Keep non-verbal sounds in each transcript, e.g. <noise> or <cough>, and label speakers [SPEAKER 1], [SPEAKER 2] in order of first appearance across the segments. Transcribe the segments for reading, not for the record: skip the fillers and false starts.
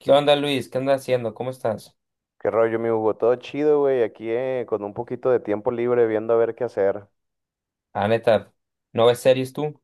[SPEAKER 1] ¿Qué onda, Luis? ¿Qué andas haciendo? ¿Cómo estás?
[SPEAKER 2] Qué rollo, mi Hugo, todo chido, güey, aquí con un poquito de tiempo libre viendo a ver qué hacer.
[SPEAKER 1] Ah, neta, ¿no ves series tú?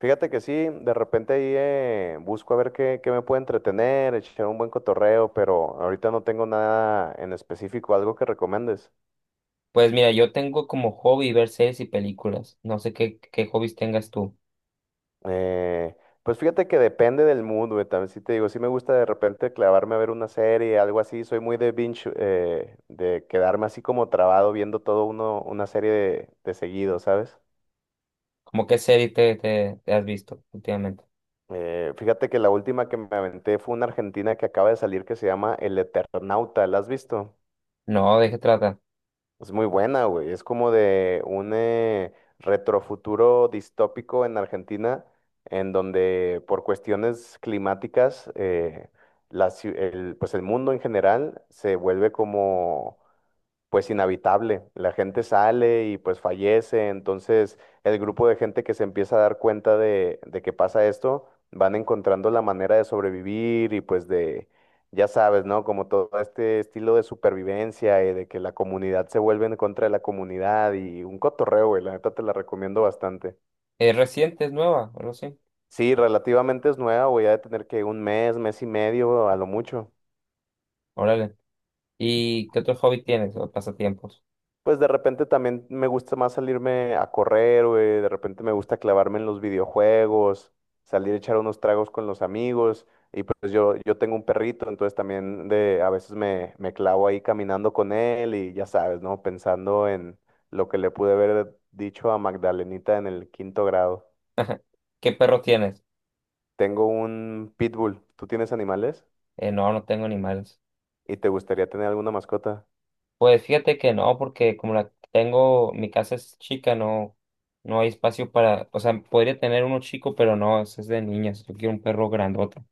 [SPEAKER 2] Fíjate que sí, de repente ahí busco a ver qué me puede entretener, echar un buen cotorreo, pero ahorita no tengo nada en específico, algo que recomiendes.
[SPEAKER 1] Pues mira, yo tengo como hobby ver series y películas. No sé qué hobbies tengas tú.
[SPEAKER 2] Eh, pues fíjate que depende del mood, güey, también sí te digo, sí me gusta de repente clavarme a ver una serie, algo así, soy muy de binge, de quedarme así como trabado viendo todo uno, una serie de seguido, ¿sabes?
[SPEAKER 1] ¿Cómo qué serie te has visto últimamente?
[SPEAKER 2] Fíjate que la última que me aventé fue una argentina que acaba de salir que se llama El Eternauta, ¿la has visto?
[SPEAKER 1] No, ¿de qué trata?
[SPEAKER 2] Es muy buena, güey. Es como de un retrofuturo distópico en Argentina, en donde por cuestiones climáticas, el pues el mundo en general se vuelve como pues inhabitable. La gente sale y pues fallece. Entonces, el grupo de gente que se empieza a dar cuenta de que pasa esto, van encontrando la manera de sobrevivir y pues de, ya sabes, ¿no? Como todo este estilo de supervivencia y de que la comunidad se vuelve en contra de la comunidad y un cotorreo, güey. La neta te la recomiendo bastante.
[SPEAKER 1] ¿Es reciente? ¿Es nueva? O algo así.
[SPEAKER 2] Sí, relativamente es nueva, voy a tener que un mes, mes y medio a lo mucho.
[SPEAKER 1] Órale. ¿Y qué otro hobby tienes o pasatiempos?
[SPEAKER 2] Pues de repente también me gusta más salirme a correr, güey. De repente me gusta clavarme en los videojuegos, salir a echar unos tragos con los amigos. Y pues yo tengo un perrito, entonces también de, a veces me clavo ahí caminando con él y ya sabes, ¿no? Pensando en lo que le pude haber dicho a Magdalenita en el quinto grado.
[SPEAKER 1] <laughs> ¿Qué perro tienes?
[SPEAKER 2] Tengo un pitbull. ¿Tú tienes animales?
[SPEAKER 1] No, no tengo animales.
[SPEAKER 2] ¿Y te gustaría tener alguna mascota?
[SPEAKER 1] Pues fíjate que no, porque como la tengo, mi casa es chica, no, no hay espacio para, o sea, podría tener uno chico, pero no, ese es de niñas. Yo quiero un perro grandote.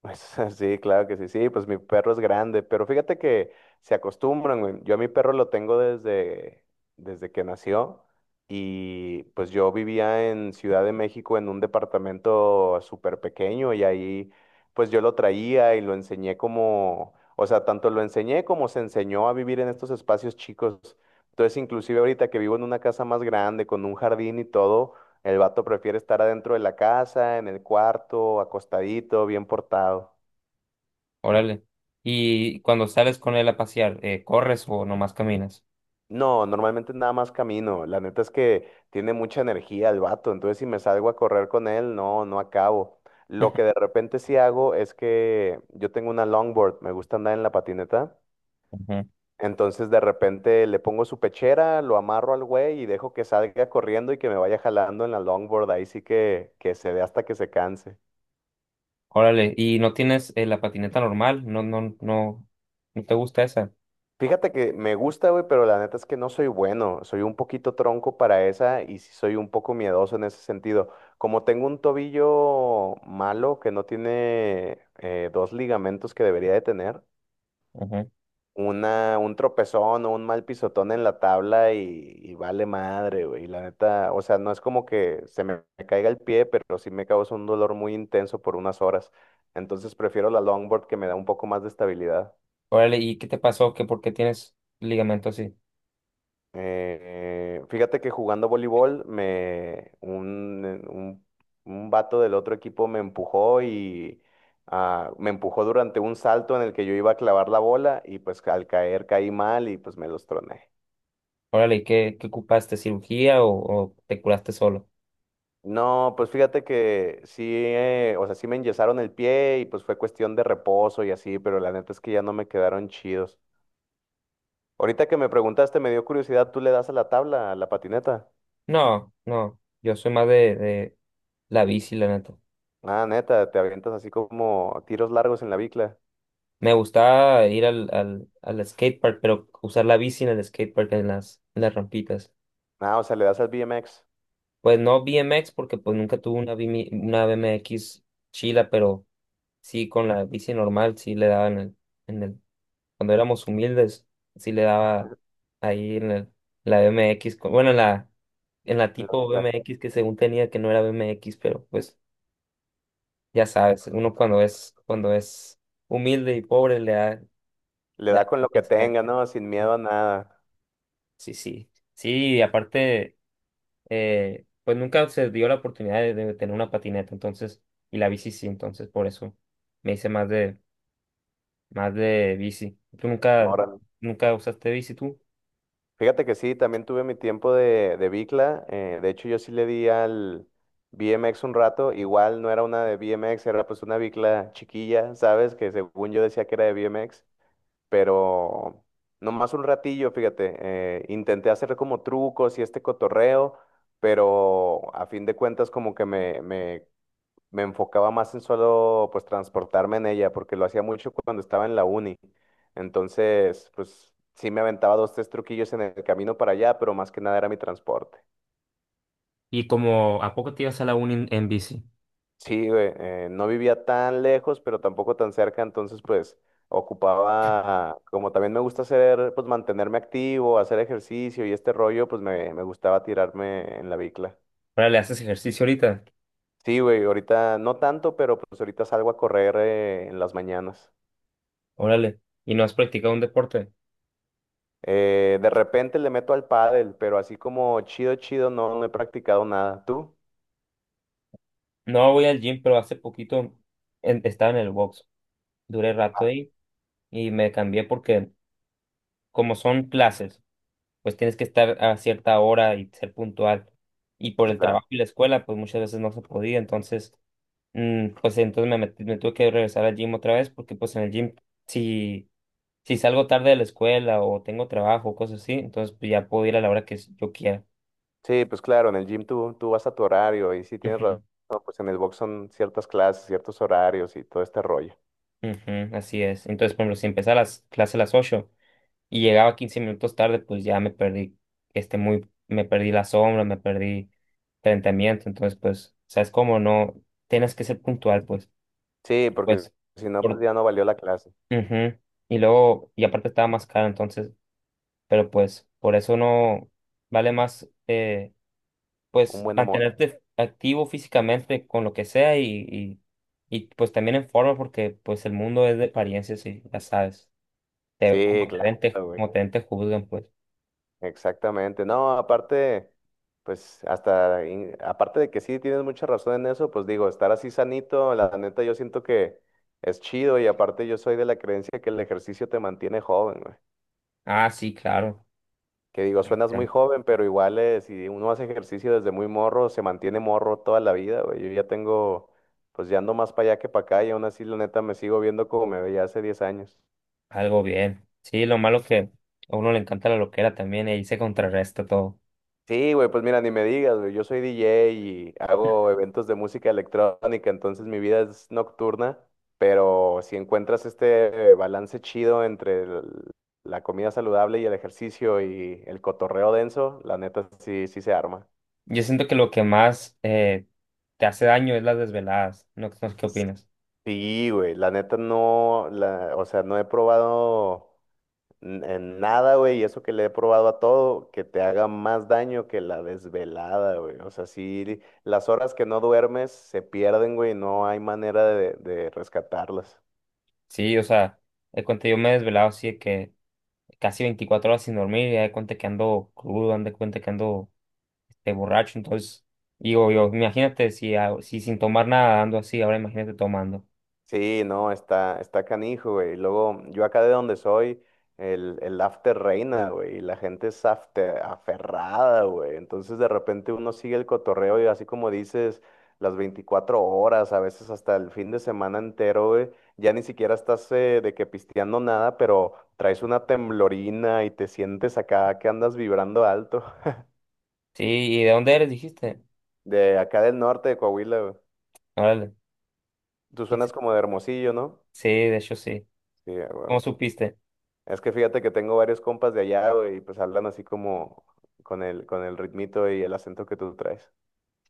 [SPEAKER 2] Pues <laughs> sí, claro que sí, sí, pues mi perro es grande, pero fíjate que se acostumbran, güey. Yo a mi perro lo tengo desde que nació y pues yo vivía en Ciudad de México en un departamento súper pequeño y ahí pues yo lo traía y lo enseñé como, o sea, tanto lo enseñé como se enseñó a vivir en estos espacios chicos. Entonces, inclusive ahorita que vivo en una casa más grande, con un jardín y todo, el vato prefiere estar adentro de la casa, en el cuarto, acostadito, bien portado.
[SPEAKER 1] Órale. Y cuando sales con él a pasear, ¿corres o nomás caminas?
[SPEAKER 2] No, normalmente nada más camino. La neta es que tiene mucha energía el vato, entonces si me salgo a correr con él, no, no acabo. Lo que de
[SPEAKER 1] <laughs>
[SPEAKER 2] repente sí hago es que yo tengo una longboard, me gusta andar en la patineta.
[SPEAKER 1] Ujú.
[SPEAKER 2] Entonces de repente le pongo su pechera, lo amarro al güey y dejo que salga corriendo y que me vaya jalando en la longboard. Ahí sí que se dé hasta que se canse.
[SPEAKER 1] Órale. ¿Y no tienes la patineta normal? No, no, no, no te gusta esa.
[SPEAKER 2] Fíjate que me gusta, güey, pero la neta es que no soy bueno. Soy un poquito tronco para esa y sí soy un poco miedoso en ese sentido. Como tengo un tobillo malo que no tiene dos ligamentos que debería de tener,
[SPEAKER 1] Ujú.
[SPEAKER 2] un tropezón o un mal pisotón en la tabla y vale madre, güey. La neta, o sea, no es como que se me caiga el pie, pero sí me causa un dolor muy intenso por unas horas. Entonces prefiero la longboard que me da un poco más de estabilidad.
[SPEAKER 1] Órale. ¿Y qué te pasó? ¿Qué, por qué tienes ligamento así?
[SPEAKER 2] Fíjate que jugando voleibol, un vato del otro equipo me empujó y ah, me empujó durante un salto en el que yo iba a clavar la bola y pues al caer caí mal y pues me los troné.
[SPEAKER 1] Órale. ¿Y qué ocupaste? ¿Cirugía o te curaste solo?
[SPEAKER 2] No, pues fíjate que sí, o sea, sí me enyesaron el pie y pues fue cuestión de reposo y así, pero la neta es que ya no me quedaron chidos. Ahorita que me preguntaste, me dio curiosidad, ¿tú le das a la tabla, a la patineta?
[SPEAKER 1] No, no, yo soy más de la bici, la neta.
[SPEAKER 2] Ah, neta, te avientas así como tiros largos en la bicla.
[SPEAKER 1] Me gustaba ir al skatepark, pero usar la bici en el skatepark, en las rampitas.
[SPEAKER 2] Ah, o sea, le das al BMX
[SPEAKER 1] Pues no BMX, porque pues nunca tuve una, BMI una BMX chila, pero sí con la bici normal, sí le daba en el, cuando éramos humildes, sí le daba ahí la BMX, bueno, en la
[SPEAKER 2] a la
[SPEAKER 1] tipo
[SPEAKER 2] bicicleta.
[SPEAKER 1] BMX que según tenía que no era BMX, pero pues ya sabes, uno cuando es humilde y pobre le da,
[SPEAKER 2] Le
[SPEAKER 1] le da
[SPEAKER 2] da con
[SPEAKER 1] lo.
[SPEAKER 2] lo que tenga, ¿no? Sin
[SPEAKER 1] Sí,
[SPEAKER 2] miedo a nada.
[SPEAKER 1] sí. Sí, sí, y aparte, pues nunca se dio la oportunidad de tener una patineta, entonces, y la bici sí, entonces por eso me hice más de bici. ¿Tú nunca,
[SPEAKER 2] Órale.
[SPEAKER 1] nunca usaste bici tú?
[SPEAKER 2] Fíjate que sí, también tuve mi tiempo de bicla. De hecho, yo sí le di al BMX un rato. Igual no era una de BMX, era pues una bicla chiquilla, ¿sabes? Que según yo decía que era de BMX, pero nomás un ratillo, fíjate. Intenté hacer como trucos y este cotorreo, pero a fin de cuentas como que me enfocaba más en solo pues transportarme en ella, porque lo hacía mucho cuando estaba en la uni. Entonces, pues sí me aventaba dos, tres truquillos en el camino para allá, pero más que nada era mi transporte.
[SPEAKER 1] ¿Y como a poco te ibas a la uni en bici?
[SPEAKER 2] Sí, güey, no vivía tan lejos, pero tampoco tan cerca, entonces pues ocupaba, como también me gusta hacer, pues mantenerme activo, hacer ejercicio y este rollo, pues me gustaba tirarme en la bicla.
[SPEAKER 1] ¿Órale, haces ejercicio ahorita?
[SPEAKER 2] Sí, güey, ahorita no tanto, pero pues ahorita salgo a correr en las mañanas.
[SPEAKER 1] Órale. ¿Y no has practicado un deporte?
[SPEAKER 2] De repente le meto al pádel, pero así como chido, chido, no, no he practicado nada. ¿Tú?
[SPEAKER 1] No voy al gym, pero hace poquito estaba en el box. Duré rato ahí y me cambié porque como son clases, pues tienes que estar a cierta hora y ser puntual. Y por el
[SPEAKER 2] Claro.
[SPEAKER 1] trabajo y la escuela, pues muchas veces no se podía. Entonces, pues entonces me tuve que regresar al gym otra vez porque pues en el gym, si, si salgo tarde de la escuela o tengo trabajo o cosas así, entonces pues ya puedo ir a la hora que yo quiera.
[SPEAKER 2] Sí, pues claro, en el gym tú, tú vas a tu horario y sí tienes razón,
[SPEAKER 1] <laughs>
[SPEAKER 2] pues en el box son ciertas clases, ciertos horarios y todo este rollo.
[SPEAKER 1] Ujú, ujú, así es. Entonces, por ejemplo, si empezaba las clases a las 8 y llegaba 15 minutos tarde, pues ya me perdí, este muy, me perdí la sombra, me perdí enfrentamiento, entonces pues, ¿sabes cómo? No, tienes que ser puntual, pues,
[SPEAKER 2] Sí,
[SPEAKER 1] y
[SPEAKER 2] porque
[SPEAKER 1] pues,
[SPEAKER 2] si no, pues
[SPEAKER 1] por,
[SPEAKER 2] ya no valió la clase.
[SPEAKER 1] ujú, y luego, y aparte estaba más caro, entonces, pero pues, por eso no vale más,
[SPEAKER 2] Un
[SPEAKER 1] pues,
[SPEAKER 2] buen amor.
[SPEAKER 1] mantenerte activo físicamente con lo que sea y, y, pues también en forma, porque pues el mundo es de apariencias y ya sabes,
[SPEAKER 2] Sí, claro, güey.
[SPEAKER 1] como te ven, te juzgan, pues.
[SPEAKER 2] Exactamente. No, aparte, pues hasta, in- aparte de que sí tienes mucha razón en eso, pues digo, estar así sanito, la neta yo siento que es chido y aparte yo soy de la creencia que el ejercicio te mantiene joven, güey.
[SPEAKER 1] Ah, sí, claro.
[SPEAKER 2] Que digo, suenas
[SPEAKER 1] Ya,
[SPEAKER 2] muy joven, pero igual si uno hace ejercicio desde muy morro, se mantiene morro toda la vida, güey. Yo ya tengo, pues ya ando más para allá que para acá y aún así la neta me sigo viendo como me veía hace 10 años.
[SPEAKER 1] algo bien. Sí, lo malo que a uno le encanta la loquera también y ahí se contrarresta todo.
[SPEAKER 2] Sí, güey, pues mira, ni me digas, güey. Yo soy DJ y hago eventos de música electrónica, entonces mi vida es nocturna, pero si encuentras este balance chido entre la comida saludable y el ejercicio y el cotorreo denso, la neta sí, sí se arma.
[SPEAKER 1] Yo siento que lo que más te hace daño es las desveladas. No, no sé qué opinas.
[SPEAKER 2] Sí, güey, la neta no, o sea, no he probado. En nada, güey, y eso que le he probado a todo, que te haga más daño que la desvelada, güey. O sea, sí, las horas que no duermes se pierden, güey, no hay manera de rescatarlas.
[SPEAKER 1] Sí, o sea, de cuenta yo me he desvelado así de que casi 24 horas sin dormir y ya de cuenta que ando crudo, ando de cuenta que ando este, borracho. Entonces, digo yo, imagínate si sin tomar nada ando así, ahora imagínate tomando.
[SPEAKER 2] Sí, no, está canijo, güey. Y luego, yo acá de donde soy, el after reina, güey. Y la gente es aferrada, güey. Entonces, de repente uno sigue el cotorreo y así como dices, las 24 horas, a veces hasta el fin de semana entero, güey. Ya ni siquiera estás de que pisteando nada, pero traes una temblorina y te sientes acá que andas vibrando alto. <laughs>
[SPEAKER 1] Sí, ¿y de dónde eres? Dijiste.
[SPEAKER 2] De acá del norte de Coahuila, güey.
[SPEAKER 1] Órale.
[SPEAKER 2] Tú
[SPEAKER 1] Sí,
[SPEAKER 2] suenas
[SPEAKER 1] sí,
[SPEAKER 2] como de Hermosillo, ¿no?
[SPEAKER 1] sí, de hecho sí.
[SPEAKER 2] Sí, güey.
[SPEAKER 1] ¿Cómo supiste?
[SPEAKER 2] Es que fíjate que tengo varios compas de allá, güey, y pues hablan así como con el ritmito y el acento que tú traes.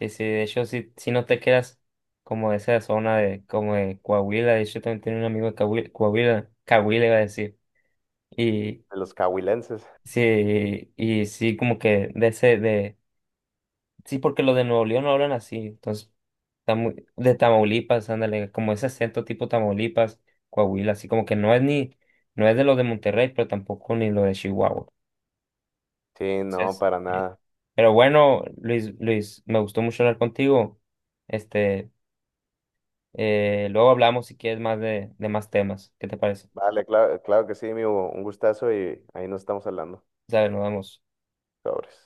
[SPEAKER 1] Sí, sí, de hecho, si no te quedas como de esa zona de, como de Coahuila, de hecho, también tenía un amigo de Coahuila, Coahuila, Coahuila iba a decir, y
[SPEAKER 2] De los cahuilenses.
[SPEAKER 1] sí, y sí, como que de ese, de, sí, porque los de Nuevo León no hablan así, entonces, está de Tamaulipas, ándale, como ese acento tipo Tamaulipas, Coahuila, así como que no es ni, no es de los de Monterrey, pero tampoco ni lo de Chihuahua,
[SPEAKER 2] Sí, no,
[SPEAKER 1] entonces,
[SPEAKER 2] para
[SPEAKER 1] sí.
[SPEAKER 2] nada.
[SPEAKER 1] Pero bueno, Luis, Luis, me gustó mucho hablar contigo, este... luego hablamos si quieres más de más temas. ¿Qué te parece?
[SPEAKER 2] Vale, claro, claro que sí, mi Hugo, un gustazo y ahí nos estamos hablando.
[SPEAKER 1] O sea, nos vemos.
[SPEAKER 2] Sobres.